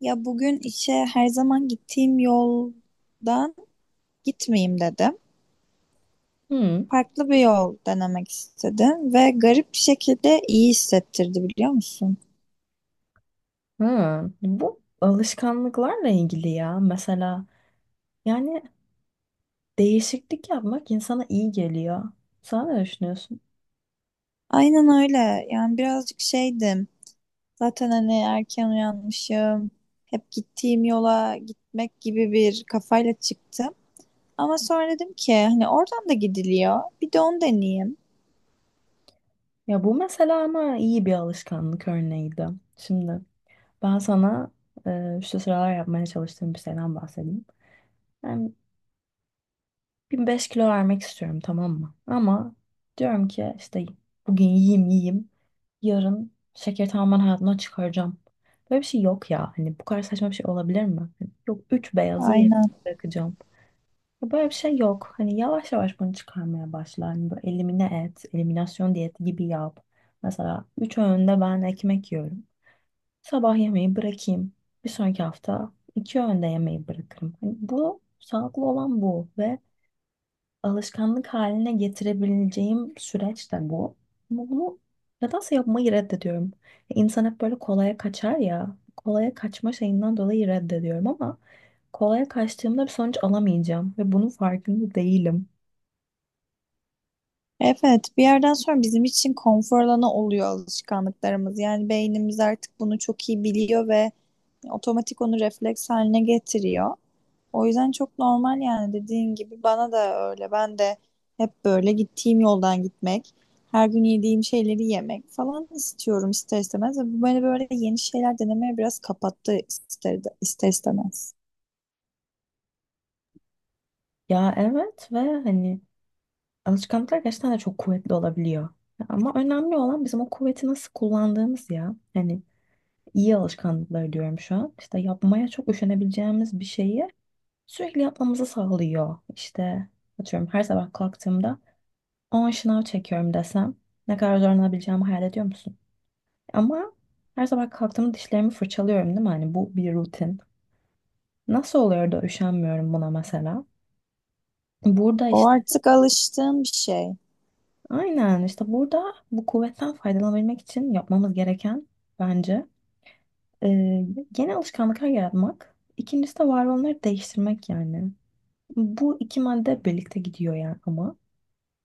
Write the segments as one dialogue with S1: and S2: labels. S1: Ya bugün işe her zaman gittiğim yoldan gitmeyeyim dedim.
S2: Hmm.
S1: Farklı bir yol denemek istedim ve garip bir şekilde iyi hissettirdi biliyor musun?
S2: Ha. Bu alışkanlıklarla ilgili ya. Mesela yani değişiklik yapmak insana iyi geliyor. Sen ne düşünüyorsun?
S1: Aynen öyle. Yani birazcık şeydim. Zaten hani erken uyanmışım. Hep gittiğim yola gitmek gibi bir kafayla çıktım. Ama sonra dedim ki hani oradan da gidiliyor. Bir de onu deneyeyim.
S2: Ya bu mesela ama iyi bir alışkanlık örneğiydi. Şimdi ben sana şu sıralar yapmaya çalıştığım bir şeyden bahsedeyim. Yani 1005 kilo vermek istiyorum, tamam mı? Ama diyorum ki işte bugün yiyeyim yiyeyim. Yarın şekeri tamamen hayatımdan çıkaracağım. Böyle bir şey yok ya. Hani bu kadar saçma bir şey olabilir mi? Hani yok, 3 beyazı yarım
S1: Aynen.
S2: bırakacağım. Ya böyle bir şey yok. Hani yavaş yavaş bunu çıkarmaya başla. Hani böyle eliminasyon diyeti gibi yap. Mesela 3 öğünde ben ekmek yiyorum. Sabah yemeği bırakayım. Bir sonraki hafta iki öğünde yemeği bırakırım. Hani bu sağlıklı olan bu ve alışkanlık haline getirebileceğim süreç de bu. Ama bunu nedense yapmayı reddediyorum. İnsan hep böyle kolaya kaçar ya. Kolaya kaçma şeyinden dolayı reddediyorum, ama kolaya kaçtığımda bir sonuç alamayacağım ve bunun farkında değilim.
S1: Evet, bir yerden sonra bizim için konfor alanı oluyor alışkanlıklarımız. Yani beynimiz artık bunu çok iyi biliyor ve otomatik onu refleks haline getiriyor. O yüzden çok normal yani dediğin gibi bana da öyle. Ben de hep böyle gittiğim yoldan gitmek, her gün yediğim şeyleri yemek falan istiyorum ister istemez. Ve bu beni böyle yeni şeyler denemeye biraz kapattı ister istemez.
S2: Ya evet, ve hani alışkanlıklar gerçekten de çok kuvvetli olabiliyor. Ama önemli olan bizim o kuvveti nasıl kullandığımız ya. Hani iyi alışkanlıklar diyorum şu an. İşte yapmaya çok üşenebileceğimiz bir şeyi sürekli yapmamızı sağlıyor. İşte atıyorum, her sabah kalktığımda 10 şınav çekiyorum desem ne kadar zorlanabileceğimi hayal ediyor musun? Ama her sabah kalktığımda dişlerimi fırçalıyorum değil mi? Hani bu bir rutin. Nasıl oluyor da üşenmiyorum buna mesela? Burada
S1: O
S2: işte
S1: artık alıştığım bir şey.
S2: aynen işte burada bu kuvvetten faydalanabilmek için yapmamız gereken, bence, e, yeni alışkanlıklar yaratmak. İkincisi de var olanları değiştirmek yani. Bu iki madde birlikte gidiyor yani ama.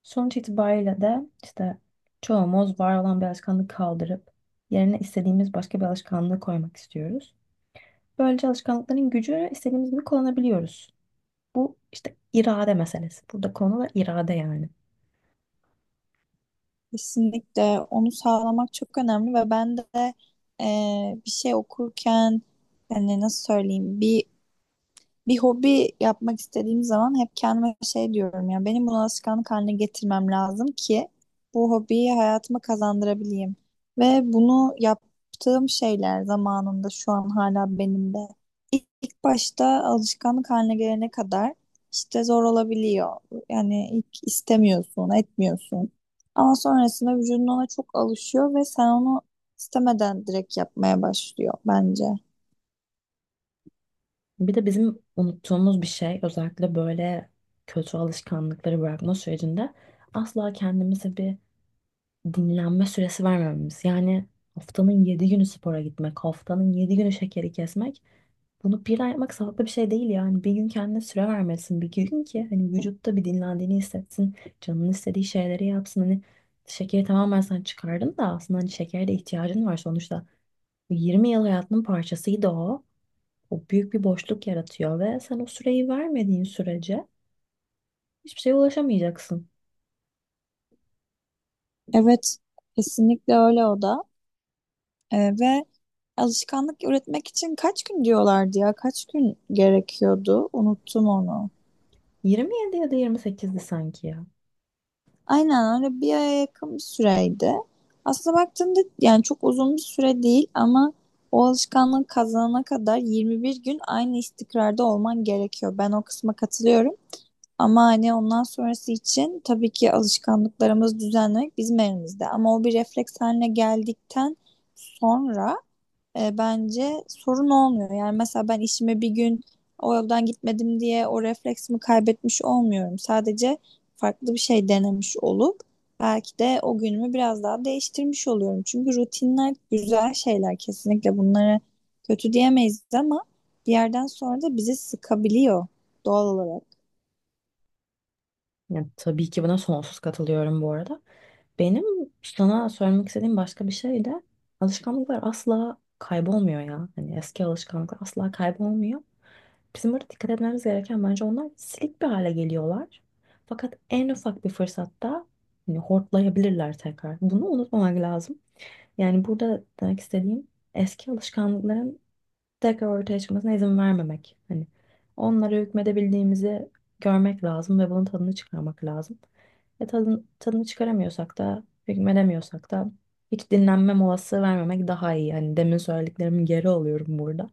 S2: Sonuç itibariyle de işte çoğumuz var olan bir alışkanlığı kaldırıp yerine istediğimiz başka bir alışkanlığı koymak istiyoruz. Böylece alışkanlıkların gücünü istediğimiz gibi kullanabiliyoruz. Bu işte irade meselesi. Burada konu da irade yani.
S1: Kesinlikle onu sağlamak çok önemli ve ben de e, bir şey okurken hani nasıl söyleyeyim bir hobi yapmak istediğim zaman hep kendime şey diyorum ya benim bunu alışkanlık haline getirmem lazım ki bu hobiyi hayatıma kazandırabileyim. Ve bunu yaptığım şeyler zamanında şu an hala benimde. İlk başta alışkanlık haline gelene kadar işte zor olabiliyor. Yani ilk istemiyorsun, etmiyorsun. Ama sonrasında vücudun ona çok alışıyor ve sen onu istemeden direkt yapmaya başlıyor bence.
S2: Bir de bizim unuttuğumuz bir şey, özellikle böyle kötü alışkanlıkları bırakma sürecinde, asla kendimize bir dinlenme süresi vermememiz. Yani haftanın 7 günü spora gitmek, haftanın 7 günü şekeri kesmek, bunu bir ay yapmak sağlıklı bir şey değil yani. Bir gün kendine süre vermelisin. Bir gün ki hani vücutta bir dinlendiğini hissetsin. Canının istediği şeyleri yapsın. Hani şekeri tamamen sen çıkardın da aslında hani şekere de ihtiyacın var sonuçta. Bu 20 yıl hayatının parçasıydı o. O büyük bir boşluk yaratıyor ve sen o süreyi vermediğin sürece hiçbir şeye ulaşamayacaksın.
S1: Evet, kesinlikle öyle o da. Ve alışkanlık üretmek için kaç gün diyorlardı ya? Kaç gün gerekiyordu? Unuttum onu.
S2: 27 ya da 28'di sanki ya.
S1: Aynen öyle, bir aya yakın bir süreydi. Aslında baktığımda yani çok uzun bir süre değil, ama o alışkanlığı kazanana kadar 21 gün aynı istikrarda olman gerekiyor. Ben o kısma katılıyorum. Ama hani ondan sonrası için tabii ki alışkanlıklarımızı düzenlemek bizim elimizde. Ama o bir refleks haline geldikten sonra bence sorun olmuyor. Yani mesela ben işime bir gün o yoldan gitmedim diye o refleksimi kaybetmiş olmuyorum. Sadece farklı bir şey denemiş olup belki de o günümü biraz daha değiştirmiş oluyorum. Çünkü rutinler güzel şeyler, kesinlikle bunları kötü diyemeyiz, ama bir yerden sonra da bizi sıkabiliyor doğal olarak.
S2: Yani tabii ki buna sonsuz katılıyorum bu arada. Benim sana söylemek istediğim başka bir şey de, alışkanlıklar asla kaybolmuyor ya. Hani eski alışkanlıklar asla kaybolmuyor. Bizim burada dikkat etmemiz gereken, bence, onlar silik bir hale geliyorlar. Fakat en ufak bir fırsatta hani hortlayabilirler tekrar. Bunu unutmamak lazım. Yani burada demek istediğim, eski alışkanlıkların tekrar ortaya çıkmasına izin vermemek. Hani onlara hükmedebildiğimizi görmek lazım ve bunun tadını çıkarmak lazım. Tadını çıkaramıyorsak da, hükmedemiyorsak da, hiç dinlenme molası vermemek daha iyi. Hani demin söylediklerimin geri alıyorum burada.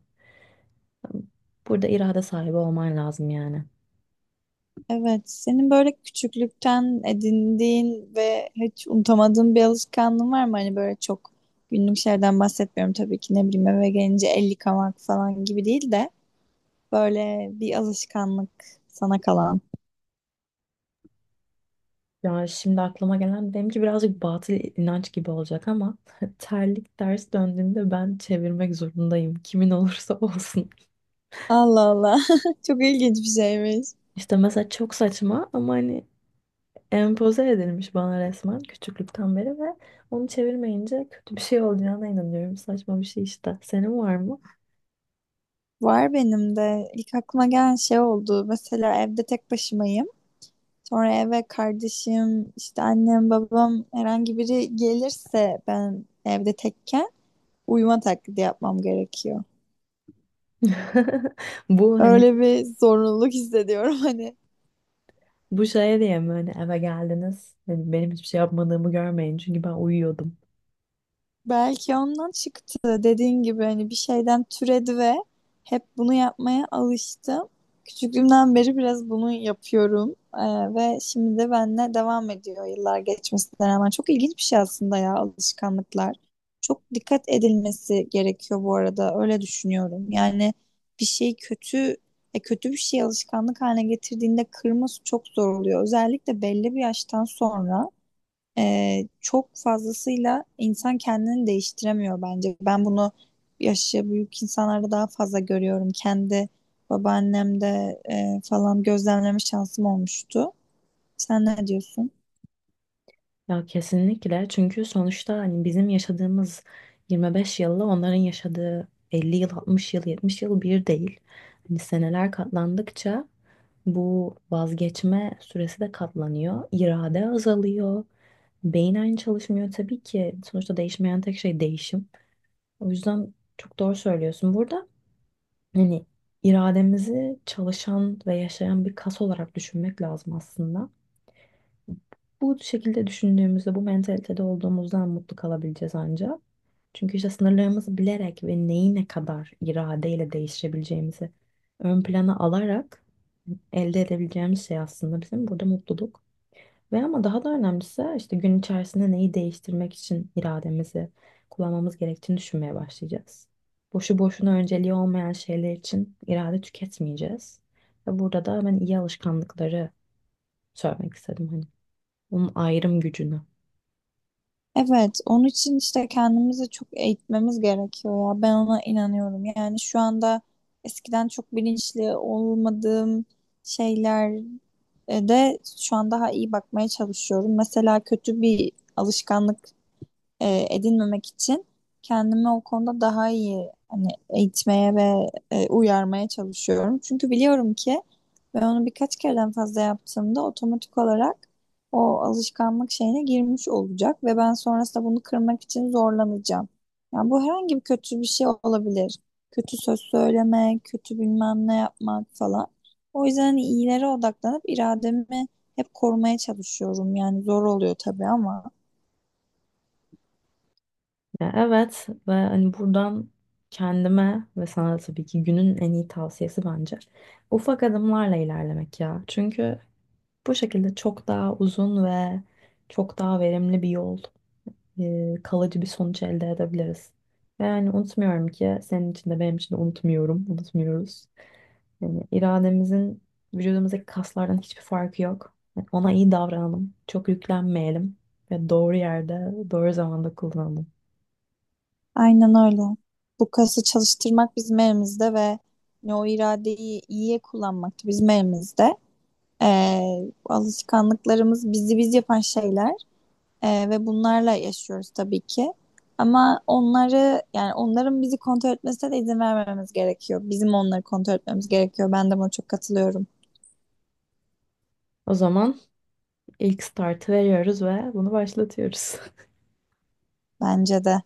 S2: Burada irade sahibi olman lazım yani.
S1: Evet, senin böyle küçüklükten edindiğin ve hiç unutamadığın bir alışkanlığın var mı? Hani böyle çok günlük şeylerden bahsetmiyorum tabii ki, ne bileyim eve gelince el yıkamak falan gibi değil de böyle bir alışkanlık sana kalan.
S2: Ya şimdi aklıma gelen benimki birazcık batıl inanç gibi olacak, ama terlik ters döndüğünde ben çevirmek zorundayım. Kimin olursa olsun.
S1: Allah Allah. Çok ilginç bir şeymiş.
S2: İşte mesela çok saçma, ama hani empoze edilmiş bana resmen küçüklükten beri, ve onu çevirmeyince kötü bir şey olacağına inanıyorum. Saçma bir şey işte. Senin var mı?
S1: Var benim de. İlk aklıma gelen şey oldu. Mesela evde tek başımayım. Sonra eve kardeşim, işte annem, babam herhangi biri gelirse ben evde tekken uyuma taklidi yapmam gerekiyor.
S2: Bu hani,
S1: Öyle bir zorunluluk hissediyorum hani.
S2: bu şeye diye mi hani eve geldiniz? Hani benim hiçbir şey yapmadığımı görmeyin çünkü ben uyuyordum.
S1: Belki ondan çıktı dediğin gibi hani, bir şeyden türedi ve hep bunu yapmaya alıştım. Küçüklüğümden beri biraz bunu yapıyorum. Ve şimdi de benimle devam ediyor yıllar geçmesine rağmen. Çok ilginç bir şey aslında ya, alışkanlıklar. Çok dikkat edilmesi gerekiyor bu arada, öyle düşünüyorum. Yani bir şey kötü e, kötü bir şey alışkanlık haline getirdiğinde kırması çok zor oluyor. Özellikle belli bir yaştan sonra. Çok fazlasıyla insan kendini değiştiremiyor bence. Ben bunu yaşı büyük insanlarda daha fazla görüyorum. Kendi babaannemde falan gözlemleme şansım olmuştu. Sen ne diyorsun?
S2: Ya kesinlikle, çünkü sonuçta hani bizim yaşadığımız 25 yılla onların yaşadığı 50 yıl, 60 yıl, 70 yıl bir değil. Hani seneler katlandıkça bu vazgeçme süresi de katlanıyor. İrade azalıyor. Beyin aynı çalışmıyor tabii ki. Sonuçta değişmeyen tek şey değişim. O yüzden çok doğru söylüyorsun. Burada hani irademizi çalışan ve yaşayan bir kas olarak düşünmek lazım aslında. Bu şekilde düşündüğümüzde, bu mentalitede olduğumuzdan mutlu kalabileceğiz ancak. Çünkü işte sınırlarımızı bilerek ve neyi ne kadar iradeyle değiştirebileceğimizi ön plana alarak elde edebileceğimiz şey aslında bizim burada mutluluk. Ve ama daha da önemlisi, işte gün içerisinde neyi değiştirmek için irademizi kullanmamız gerektiğini düşünmeye başlayacağız. Boşu boşuna önceliği olmayan şeyler için irade tüketmeyeceğiz. Ve burada da ben iyi alışkanlıkları söylemek istedim. Hani onun ayrım gücünü.
S1: Evet, onun için işte kendimizi çok eğitmemiz gerekiyor ya. Ben ona inanıyorum. Yani şu anda eskiden çok bilinçli olmadığım şeyler, de şu an daha iyi bakmaya çalışıyorum. Mesela kötü bir alışkanlık edinmemek için kendimi o konuda daha iyi hani eğitmeye ve uyarmaya çalışıyorum. Çünkü biliyorum ki ben onu birkaç kereden fazla yaptığımda otomatik olarak o alışkanlık şeyine girmiş olacak ve ben sonrasında bunu kırmak için zorlanacağım. Yani bu herhangi bir kötü bir şey olabilir. Kötü söz söylemek, kötü bilmem ne yapmak falan. O yüzden hani iyilere odaklanıp irademi hep korumaya çalışıyorum. Yani zor oluyor tabii ama.
S2: Ya evet, ve hani buradan kendime ve sana da tabii ki günün en iyi tavsiyesi, bence, ufak adımlarla ilerlemek ya. Çünkü bu şekilde çok daha uzun ve çok daha verimli bir yol, kalıcı bir sonuç elde edebiliriz. Ve yani unutmuyorum ki senin için de benim için de unutmuyorum, unutmuyoruz. Yani irademizin vücudumuzdaki kaslardan hiçbir farkı yok. Yani ona iyi davranalım, çok yüklenmeyelim ve doğru yerde, doğru zamanda kullanalım.
S1: Aynen öyle. Bu kası çalıştırmak bizim elimizde ve ne o iradeyi iyiye kullanmak da bizim elimizde. Alışkanlıklarımız bizi biz yapan şeyler ve bunlarla yaşıyoruz tabii ki. Ama onları yani onların bizi kontrol etmesine de izin vermememiz gerekiyor. Bizim onları kontrol etmemiz gerekiyor. Ben de buna çok katılıyorum.
S2: O zaman ilk startı veriyoruz ve bunu başlatıyoruz.
S1: Bence de.